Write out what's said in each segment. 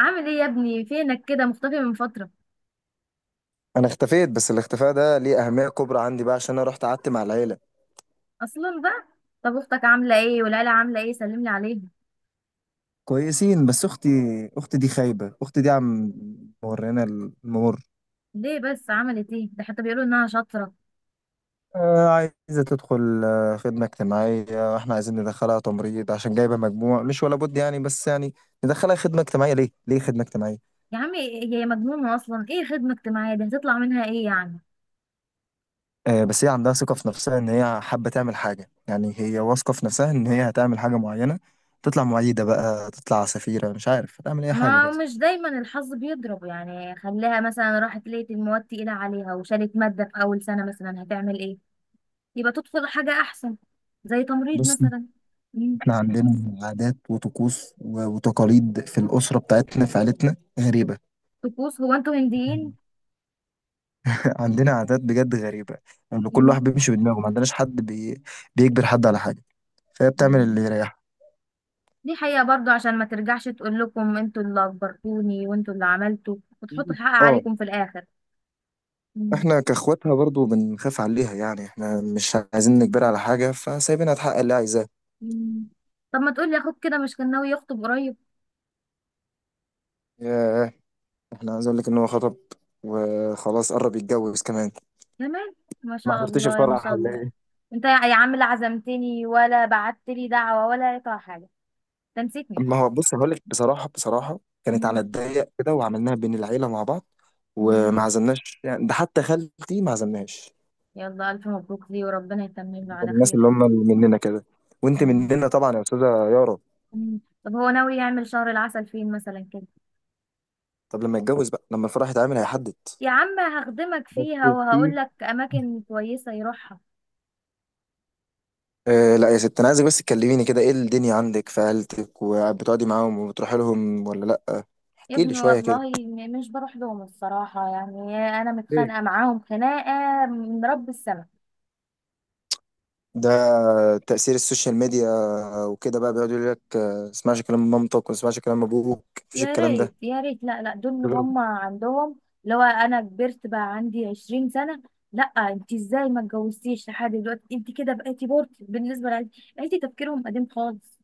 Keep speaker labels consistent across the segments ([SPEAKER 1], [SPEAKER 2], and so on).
[SPEAKER 1] عامل ايه يا ابني؟ فينك كده مختفي من فترة
[SPEAKER 2] انا اختفيت، بس الاختفاء ده ليه اهميه كبرى عندي بقى عشان انا رحت قعدت مع العيله.
[SPEAKER 1] اصلا بقى؟ طب اختك عاملة ايه والعيلة عاملة ايه؟ سلملي عليهم.
[SPEAKER 2] كويسين، بس اختي اختي دي خايبه اختي دي عم مورينا الممر.
[SPEAKER 1] ليه بس؟ عملت ايه؟ ده حتى بيقولوا انها شاطرة.
[SPEAKER 2] آه عايزه تدخل آه خدمه اجتماعيه. احنا عايزين ندخلها تمريض عشان جايبه مجموع مش ولا بد يعني، بس يعني ندخلها خدمه اجتماعيه ليه؟ ليه خدمه اجتماعيه؟
[SPEAKER 1] يا عمي هي مجنونة اصلا، ايه خدمة اجتماعية دي؟ هتطلع منها ايه يعني؟
[SPEAKER 2] آه بس هي عندها ثقه في نفسها ان هي حابه تعمل حاجه، يعني هي واثقه في نفسها ان هي هتعمل حاجه معينه. تطلع معيده بقى، تطلع سفيره، مش عارف هتعمل اي حاجه
[SPEAKER 1] ما
[SPEAKER 2] بس.
[SPEAKER 1] مش دايما الحظ بيضرب يعني، خليها مثلا راحت لقيت المواد تقيلة عليها وشالت مادة في اول سنة، مثلا هتعمل ايه؟ يبقى تدخل حاجة احسن، زي تمريض
[SPEAKER 2] بص،
[SPEAKER 1] مثلا. مم.
[SPEAKER 2] احنا عندنا عادات وطقوس و- وتقاليد في الأسرة بتاعتنا، في عيلتنا غريبة.
[SPEAKER 1] طقوس؟ هو انتوا هنديين؟
[SPEAKER 2] عندنا عادات بجد غريبة. يعني كل واحد بيمشي بدماغه، ما عندناش حد بيجبر حد على حاجة، فهي بتعمل اللي
[SPEAKER 1] مم.
[SPEAKER 2] يريحها.
[SPEAKER 1] دي حقيقة برضو، عشان ما ترجعش تقول لكم انتوا اللي اجبرتوني وانتوا اللي عملتوا وتحطوا الحق
[SPEAKER 2] اه،
[SPEAKER 1] عليكم في الاخر. مم.
[SPEAKER 2] احنا كاخواتها برضو بنخاف عليها، يعني احنا مش عايزين نجبرها على حاجة، فسايبينها تحقق اللي عايزاه.
[SPEAKER 1] مم. طب ما تقولي، اخوك كده مش كان ناوي يخطب قريب؟
[SPEAKER 2] ياه، احنا عايز اقول لك ان هو خطب، وخلاص قرب يتجوز كمان.
[SPEAKER 1] كمان؟ ما
[SPEAKER 2] ما
[SPEAKER 1] شاء
[SPEAKER 2] حضرتش
[SPEAKER 1] الله ما
[SPEAKER 2] الفرح
[SPEAKER 1] شاء
[SPEAKER 2] ولا
[SPEAKER 1] الله.
[SPEAKER 2] إيه؟
[SPEAKER 1] انت يا عم، لا عزمتني ولا بعت لي دعوة ولا اي حاجة، تنسيتني.
[SPEAKER 2] ما هو بص، هقول لك بصراحه، بصراحه كانت على
[SPEAKER 1] مم.
[SPEAKER 2] الضيق كده وعملناها بين العيله مع بعض، وما
[SPEAKER 1] مم.
[SPEAKER 2] عزمناش، يعني ده حتى خالتي ما عزمناش.
[SPEAKER 1] يلا الف مبروك ليه وربنا يتمم له
[SPEAKER 2] من
[SPEAKER 1] على
[SPEAKER 2] الناس
[SPEAKER 1] خير.
[SPEAKER 2] اللي هم اللي مننا كده، وانت
[SPEAKER 1] مم.
[SPEAKER 2] مننا طبعا يا استاذه يارا.
[SPEAKER 1] مم. طب هو ناوي يعمل شهر العسل فين مثلا كده؟
[SPEAKER 2] طب لما يتجوز بقى، لما الفرح يتعمل هيحدد.
[SPEAKER 1] يا عم هخدمك
[SPEAKER 2] بس
[SPEAKER 1] فيها وهقول
[SPEAKER 2] في
[SPEAKER 1] لك اماكن كويسة يروحها.
[SPEAKER 2] آه، لا يا ست، انا عايزك بس تكلميني كده، ايه الدنيا عندك في عيلتك؟ وبتقعدي معاهم وبتروحي لهم ولا لا؟
[SPEAKER 1] يا
[SPEAKER 2] احكي لي
[SPEAKER 1] ابني
[SPEAKER 2] شويه كده.
[SPEAKER 1] والله مش بروح لهم الصراحة يعني، أنا
[SPEAKER 2] ليه؟
[SPEAKER 1] متخانقة معاهم خناقة من رب السماء.
[SPEAKER 2] ده تأثير السوشيال ميديا وكده بقى. بيقعدوا يقول لك اسمعش كلام مامتك، وما اسمعش كلام ابوك، مفيش
[SPEAKER 1] يا
[SPEAKER 2] الكلام
[SPEAKER 1] ريت
[SPEAKER 2] ده.
[SPEAKER 1] يا ريت، لا لا دول اللي
[SPEAKER 2] غيرهم.
[SPEAKER 1] هم عندهم، لو أنا كبرت بقى عندي 20 سنة. لا انت ازاي ما اتجوزتيش لحد دلوقتي؟ انت كده بقيتي بورت بالنسبة لعيلتي، عيلتي تفكيرهم قديم خالص.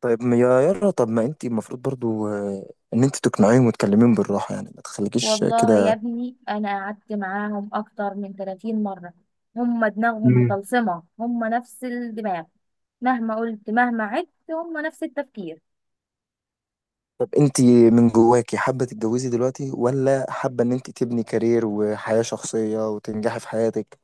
[SPEAKER 2] طيب يا يارا، طب ما انت المفروض برضو ان انت تقنعيهم وتكلميهم بالراحه، يعني ما تخليكيش
[SPEAKER 1] والله يا
[SPEAKER 2] كده.
[SPEAKER 1] ابني أنا قعدت معاهم أكتر من 30 مرة، هم دماغهم
[SPEAKER 2] مم.
[SPEAKER 1] مطلسمة، هم نفس الدماغ. مهما قلت مهما عدت هم نفس التفكير.
[SPEAKER 2] طب انت من جواكي حابه تتجوزي دلوقتي، ولا حابه ان انت تبني كارير وحياه شخصيه وتنجحي في حياتك؟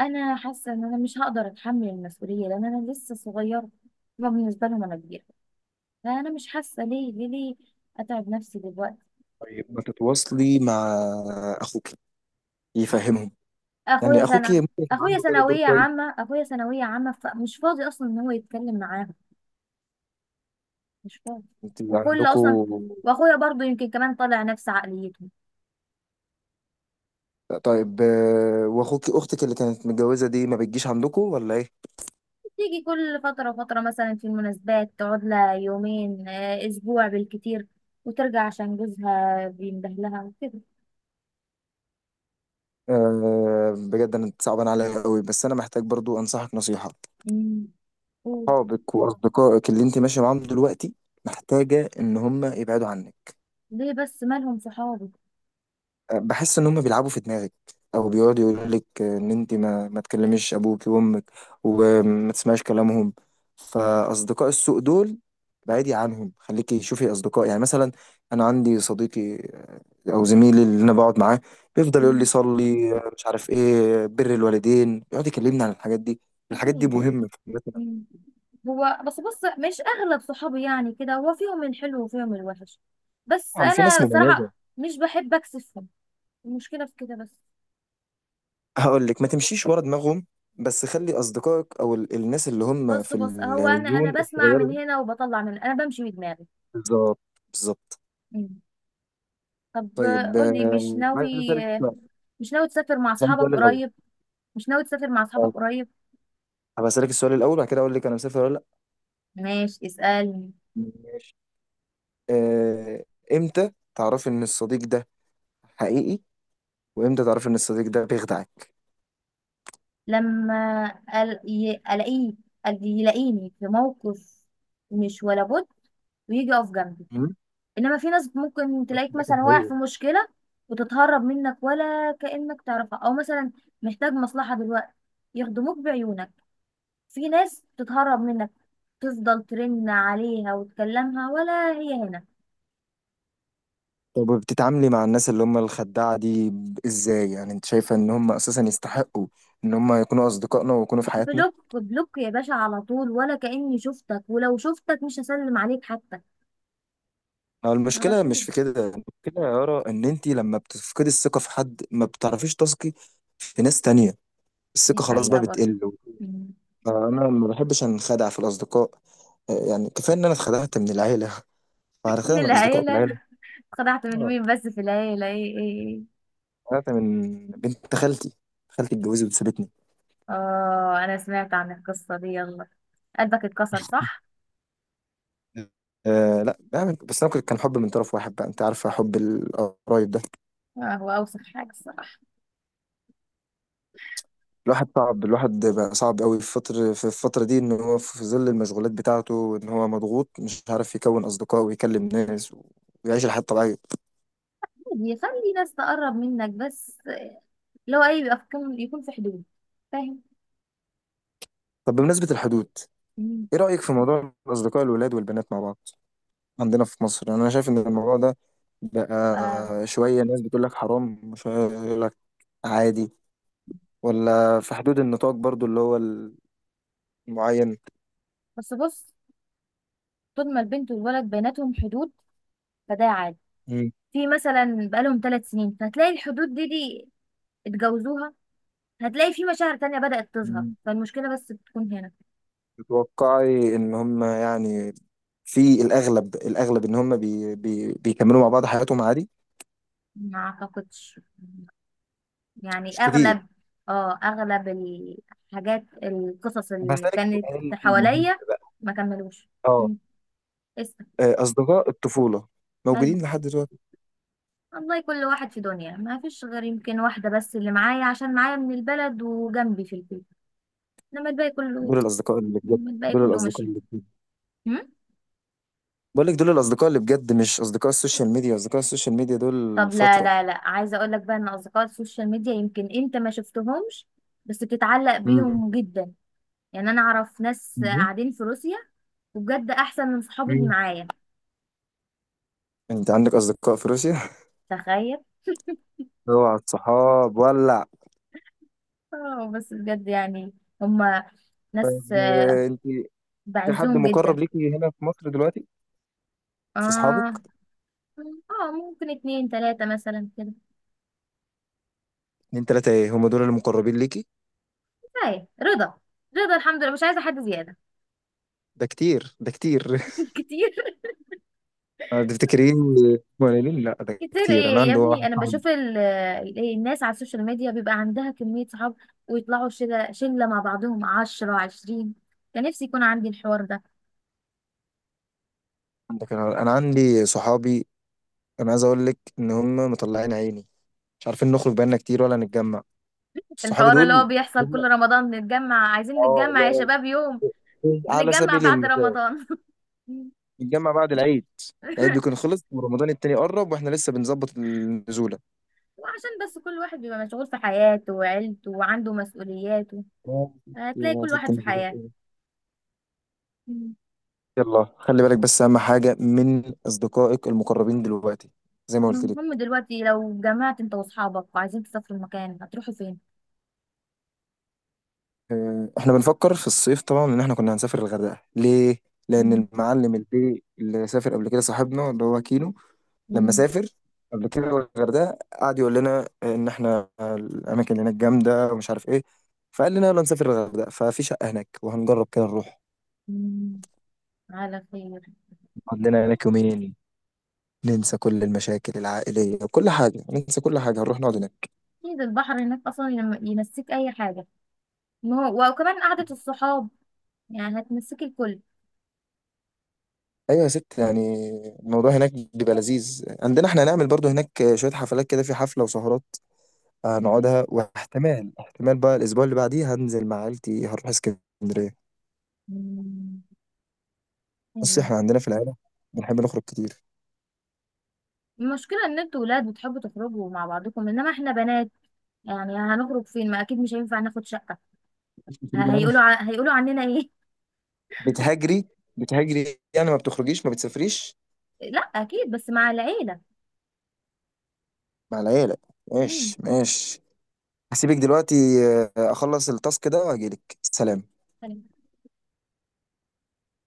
[SPEAKER 1] انا حاسه ان انا مش هقدر اتحمل المسؤوليه لان انا لسه صغيره، ما بالنسبه لهم انا كبيره، فانا مش حاسه ليه اتعب نفسي دلوقتي.
[SPEAKER 2] طيب ما تتواصلي مع اخوك يفهمهم،
[SPEAKER 1] اخويا
[SPEAKER 2] يعني اخوك
[SPEAKER 1] سنه،
[SPEAKER 2] ممكن يكون
[SPEAKER 1] اخويا
[SPEAKER 2] عنده كده دور
[SPEAKER 1] ثانويه
[SPEAKER 2] كويس.
[SPEAKER 1] عامه، اخويا ثانويه عامه، فمش فاضي اصلا ان هو يتكلم معاهم، مش فاضي.
[SPEAKER 2] انت
[SPEAKER 1] وكل اصلا،
[SPEAKER 2] عندكوا.
[SPEAKER 1] واخويا برضو يمكن كمان طالع نفس عقليتهم.
[SPEAKER 2] طيب واخوك اختك اللي كانت متجوزه دي ما بتجيش عندكوا ولا ايه؟
[SPEAKER 1] تيجي كل فتره وفتره مثلا في المناسبات، تقعد لها يومين، اسبوع بالكتير، وترجع عشان جوزها بيندهلها وكده.
[SPEAKER 2] أه بجد انا صعبان عليا قوي، بس انا محتاج برضو انصحك نصيحة.
[SPEAKER 1] أمم.
[SPEAKER 2] صحابك واصدقائك اللي انت ماشية معاهم دلوقتي محتاجة ان هم يبعدوا عنك.
[SPEAKER 1] ليه بس؟ مالهم صحابي؟
[SPEAKER 2] بحس ان هم بيلعبوا في دماغك، او بيقعدوا يقولوا لك ان انت ما تكلميش ابوك وامك، وما تسمعيش كلامهم. فاصدقاء السوء دول بعيدي عنهم، خليكي شوفي اصدقاء، يعني مثلا انا عندي صديقي آه، او زميلي اللي انا بقعد معاه، بيفضل يقول لي
[SPEAKER 1] مم.
[SPEAKER 2] صلي، آه، مش عارف ايه، بر الوالدين، يقعد يكلمني عن الحاجات دي. الحاجات دي
[SPEAKER 1] اكيد.
[SPEAKER 2] مهمة في حياتنا.
[SPEAKER 1] مم. هو بس بص، مش اغلب صحابي يعني كده، هو فيهم الحلو وفيهم الوحش، بس
[SPEAKER 2] طبعا في ناس
[SPEAKER 1] انا
[SPEAKER 2] مميزة.
[SPEAKER 1] صراحة مش بحب اكسفهم. المشكلة في كده بس.
[SPEAKER 2] هقول لك ما تمشيش ورا دماغهم، بس خلي اصدقائك او الناس اللي هم
[SPEAKER 1] بص
[SPEAKER 2] في
[SPEAKER 1] بص، هو انا
[SPEAKER 2] الزون
[SPEAKER 1] بسمع
[SPEAKER 2] الصغيرة.
[SPEAKER 1] من هنا وبطلع من، انا بمشي بدماغي.
[SPEAKER 2] بالظبط، بالظبط.
[SPEAKER 1] مم. طب
[SPEAKER 2] طيب
[SPEAKER 1] قولي، مش
[SPEAKER 2] عايز
[SPEAKER 1] ناوي
[SPEAKER 2] اسالك
[SPEAKER 1] آه،
[SPEAKER 2] سؤال.
[SPEAKER 1] مش ناوي تسافر مع
[SPEAKER 2] اسالك
[SPEAKER 1] اصحابك
[SPEAKER 2] سؤال الاول،
[SPEAKER 1] قريب؟ مش ناوي تسافر مع اصحابك
[SPEAKER 2] آه،
[SPEAKER 1] قريب؟
[SPEAKER 2] هبقى اسالك السؤال الاول وبعد كده اقول لك انا مسافر ولا لا.
[SPEAKER 1] ماشي اسألني.
[SPEAKER 2] ماشي. آه، امتى تعرفي ان الصديق ده حقيقي، وامتى تعرفي ان الصديق ده بيخدعك؟
[SPEAKER 1] لما ال- ي- الاقيه يلاقيني في موقف مش ولا بد ويجي يقف جنبي.
[SPEAKER 2] مم.
[SPEAKER 1] انما في ناس ممكن تلاقيك
[SPEAKER 2] الصديق
[SPEAKER 1] مثلا واقع
[SPEAKER 2] الحقيقي.
[SPEAKER 1] في مشكله وتتهرب منك ولا كانك تعرفها، او مثلا محتاج مصلحه دلوقتي يخدموك بعيونك، في ناس تتهرب منك، تفضل ترن عليها وتكلمها ولا هي هنا.
[SPEAKER 2] طب بتتعاملي مع الناس اللي هم الخداعة دي ازاي؟ يعني انت شايفة ان هم اساسا يستحقوا ان هم يكونوا اصدقائنا ويكونوا في حياتنا؟
[SPEAKER 1] بلوك بلوك يا باشا، على طول، ولا كأني شفتك، ولو شفتك مش هسلم عليك حتى.
[SPEAKER 2] ما
[SPEAKER 1] على
[SPEAKER 2] المشكلة مش
[SPEAKER 1] طول.
[SPEAKER 2] في كده، المشكلة يا يارا ان انت لما بتفقدي الثقة في حد ما بتعرفيش تثقي في ناس تانية، الثقة
[SPEAKER 1] دي
[SPEAKER 2] خلاص بقى
[SPEAKER 1] حقيقة برضه.
[SPEAKER 2] بتقل. فأنا ما بحبش أنخدع في الأصدقاء، آه، يعني كفاية إن أنا اتخدعت من العيلة. فأنا
[SPEAKER 1] من
[SPEAKER 2] خدعت من الأصدقاء
[SPEAKER 1] العيلة
[SPEAKER 2] بالعيلة،
[SPEAKER 1] اتخدعت من
[SPEAKER 2] آه،
[SPEAKER 1] مين بس في العيلة؟ ايه ايه ايه؟
[SPEAKER 2] اتخدعت من بنت خالتي، خالتي اتجوزت وسابتني.
[SPEAKER 1] اه، انا سمعت عن القصة دي، يلا قلبك اتكسر صح؟
[SPEAKER 2] أه لا، يعني بس أنا كان حب من طرف واحد بقى، أنت عارفة حب القرايب ده.
[SPEAKER 1] هو اوسخ حاجة الصراحة.
[SPEAKER 2] الواحد صعب، الواحد بقى صعب قوي في فترة في الفترة دي إن هو في ظل المشغولات بتاعته، إن هو مضغوط، مش عارف يكون أصدقاء ويكلم ناس ويعيش الحياة الطبيعية.
[SPEAKER 1] عادي، خلي ناس تقرب منك، بس، لو اي بيبقى في يكون في حدود، فاهم؟
[SPEAKER 2] طب بمناسبة الحدود،
[SPEAKER 1] مم.
[SPEAKER 2] إيه رأيك في موضوع الأصدقاء الولاد والبنات مع بعض؟ عندنا في مصر، يعني انا شايف ان الموضوع ده
[SPEAKER 1] آه.
[SPEAKER 2] بقى شويه ناس بتقول لك حرام، وشويه يقول لك عادي، ولا في حدود النطاق برضو اللي هو المعين.
[SPEAKER 1] بس بص، طول ما البنت والولد بيناتهم حدود فده عادي.
[SPEAKER 2] مم.
[SPEAKER 1] في مثلا بقالهم 3 سنين فتلاقي الحدود دي اتجوزوها، هتلاقي في مشاعر تانية بدأت تظهر،
[SPEAKER 2] مم.
[SPEAKER 1] فالمشكلة بس بتكون هنا.
[SPEAKER 2] تتوقعي ان هم، يعني في الاغلب، الاغلب ان هم بي بي بيكملوا مع بعض حياتهم عادي؟
[SPEAKER 1] ما اعتقدش، يعني
[SPEAKER 2] مش
[SPEAKER 1] اغلب.
[SPEAKER 2] كتير.
[SPEAKER 1] اه اغلب الحاجات، القصص
[SPEAKER 2] طب
[SPEAKER 1] اللي
[SPEAKER 2] هسألك
[SPEAKER 1] كانت
[SPEAKER 2] سؤال مهم
[SPEAKER 1] حواليا
[SPEAKER 2] بقى.
[SPEAKER 1] ما كملوش.
[SPEAKER 2] اه،
[SPEAKER 1] مم. اسأل.
[SPEAKER 2] آه، اصدقاء الطفوله
[SPEAKER 1] مالهم؟
[SPEAKER 2] موجودين لحد دلوقتي؟
[SPEAKER 1] والله كل واحد في دنيا، ما فيش غير يمكن واحدة بس اللي معايا عشان معايا من البلد وجنبي في البيت، انما الباقي كله،
[SPEAKER 2] دول الاصدقاء اللي بجد
[SPEAKER 1] إنما الباقي
[SPEAKER 2] دول
[SPEAKER 1] كله
[SPEAKER 2] الاصدقاء
[SPEAKER 1] ماشي.
[SPEAKER 2] اللي بجد
[SPEAKER 1] مم؟
[SPEAKER 2] بقول لك دول الاصدقاء اللي بجد، مش اصدقاء السوشيال ميديا، اصدقاء السوشيال ميديا دول
[SPEAKER 1] طب لا
[SPEAKER 2] فترة.
[SPEAKER 1] لا لا، عايزة اقول لك بقى ان اصدقاء السوشيال ميديا يمكن انت ما شفتهمش بس بتتعلق
[SPEAKER 2] مم.
[SPEAKER 1] بيهم جدا. يعني انا اعرف ناس
[SPEAKER 2] مم.
[SPEAKER 1] قاعدين في روسيا وبجد احسن من صحابي اللي
[SPEAKER 2] مم.
[SPEAKER 1] معايا.
[SPEAKER 2] انت عندك اصدقاء في روسيا؟
[SPEAKER 1] تخيل.
[SPEAKER 2] اوعى الصحاب ولع.
[SPEAKER 1] اه بس بجد يعني، هما
[SPEAKER 2] طيب
[SPEAKER 1] ناس،
[SPEAKER 2] آه، انت في حد
[SPEAKER 1] بعزهم
[SPEAKER 2] مقرب
[SPEAKER 1] جدا.
[SPEAKER 2] ليكي هنا في مصر دلوقتي؟ في
[SPEAKER 1] اه.
[SPEAKER 2] اصحابك؟
[SPEAKER 1] اه ممكن اتنين تلاتة مثلا كده.
[SPEAKER 2] اتنين تلاتة ايه، هم دول المقربين ليكي؟
[SPEAKER 1] كفاية رضا. رضا الحمد لله، مش عايزة حد زيادة.
[SPEAKER 2] ده كتير، ده كتير.
[SPEAKER 1] كتير.
[SPEAKER 2] آه، تفتكرين قليلين؟ لا ده
[SPEAKER 1] كتير
[SPEAKER 2] كتير، انا
[SPEAKER 1] ايه يا
[SPEAKER 2] عندي
[SPEAKER 1] ابني؟
[SPEAKER 2] واحد
[SPEAKER 1] انا
[SPEAKER 2] صاحبي.
[SPEAKER 1] بشوف إيه الناس على السوشيال ميديا بيبقى عندها كمية صحاب ويطلعوا شلة شلة مع بعضهم، عشرة عشرين، كان نفسي يكون عندي الحوار ده.
[SPEAKER 2] عندك، انا أنا عندي صحابي، انا عايز اقول لك ان هم مطلعين عيني، مش عارفين نخرج بقالنا كتير ولا نتجمع، صحابي
[SPEAKER 1] الحوار اللي هو
[SPEAKER 2] دول.
[SPEAKER 1] بيحصل كل
[SPEAKER 2] هم،
[SPEAKER 1] رمضان، نتجمع عايزين
[SPEAKER 2] اه
[SPEAKER 1] نتجمع يا
[SPEAKER 2] لا،
[SPEAKER 1] شباب، يوم
[SPEAKER 2] على
[SPEAKER 1] بنتجمع
[SPEAKER 2] سبيل
[SPEAKER 1] بعد
[SPEAKER 2] المثال
[SPEAKER 1] رمضان.
[SPEAKER 2] نتجمع بعد العيد، العيد بيكون خلص ورمضان التاني قرب واحنا لسه بنظبط النزولة.
[SPEAKER 1] وعشان بس كل واحد بيبقى مشغول في حياته وعيلته وعنده مسؤولياته،
[SPEAKER 2] يا ستي
[SPEAKER 1] هتلاقي
[SPEAKER 2] يا
[SPEAKER 1] كل واحد
[SPEAKER 2] ستي
[SPEAKER 1] في
[SPEAKER 2] مزروع
[SPEAKER 1] حياة.
[SPEAKER 2] إيه.
[SPEAKER 1] مم.
[SPEAKER 2] يلا خلي بالك، بس اهم حاجة من اصدقائك المقربين دلوقتي، زي ما قلت
[SPEAKER 1] المهم
[SPEAKER 2] لك.
[SPEAKER 1] دلوقتي لو جمعت انت واصحابك وعايزين تسافروا مكان هتروحوا فين؟
[SPEAKER 2] آه، احنا بنفكر في الصيف طبعا ان احنا كنا هنسافر الغردقة. ليه؟ لان
[SPEAKER 1] مم.
[SPEAKER 2] المعلم البي اللي سافر قبل كده صاحبنا اللي هو كينو، لما
[SPEAKER 1] مم.
[SPEAKER 2] سافر قبل كده الغردقه قعد يقول لنا ان احنا الاماكن اللي هناك جامده ومش عارف ايه. فقال لنا يلا نسافر الغردقه، ففي شقه هناك وهنجرب كده نروح
[SPEAKER 1] مم. على خير.
[SPEAKER 2] نقعد لنا هناك يومين، ننسى كل المشاكل العائليه وكل حاجه، ننسى كل حاجه، هنروح نقعد هناك.
[SPEAKER 1] اكيد البحر هناك اصلا ينسيك اي حاجة، وكمان قعدة الصحاب يعني هتنسيك الكل.
[SPEAKER 2] ايوه يا ست، يعني الموضوع هناك بيبقى لذيذ عندنا، احنا هنعمل برضو هناك شويه حفلات كده، في حفله وسهرات
[SPEAKER 1] بجد؟
[SPEAKER 2] هنقعدها. واحتمال، احتمال بقى الاسبوع اللي بعديه هننزل مع عيلتي، هنروح اسكندريه.
[SPEAKER 1] مم.
[SPEAKER 2] بص
[SPEAKER 1] يلا.
[SPEAKER 2] احنا عندنا في العيله بنحب نخرج كتير.
[SPEAKER 1] المشكلة ان انتوا ولاد بتحبوا تخرجوا مع بعضكم، انما احنا بنات، يعني هنخرج فين؟ ما اكيد مش هينفع ناخد شقة، هيقولوا عننا ايه؟
[SPEAKER 2] بتهاجري، بتهاجري يعني ما بتخرجيش ما بتسافريش.
[SPEAKER 1] لا اكيد بس مع العيله.
[SPEAKER 2] مع العيلة. ماشي ماشي، هسيبك دلوقتي، آه، اخلص التاسك ده واجيلك سلام.
[SPEAKER 1] امم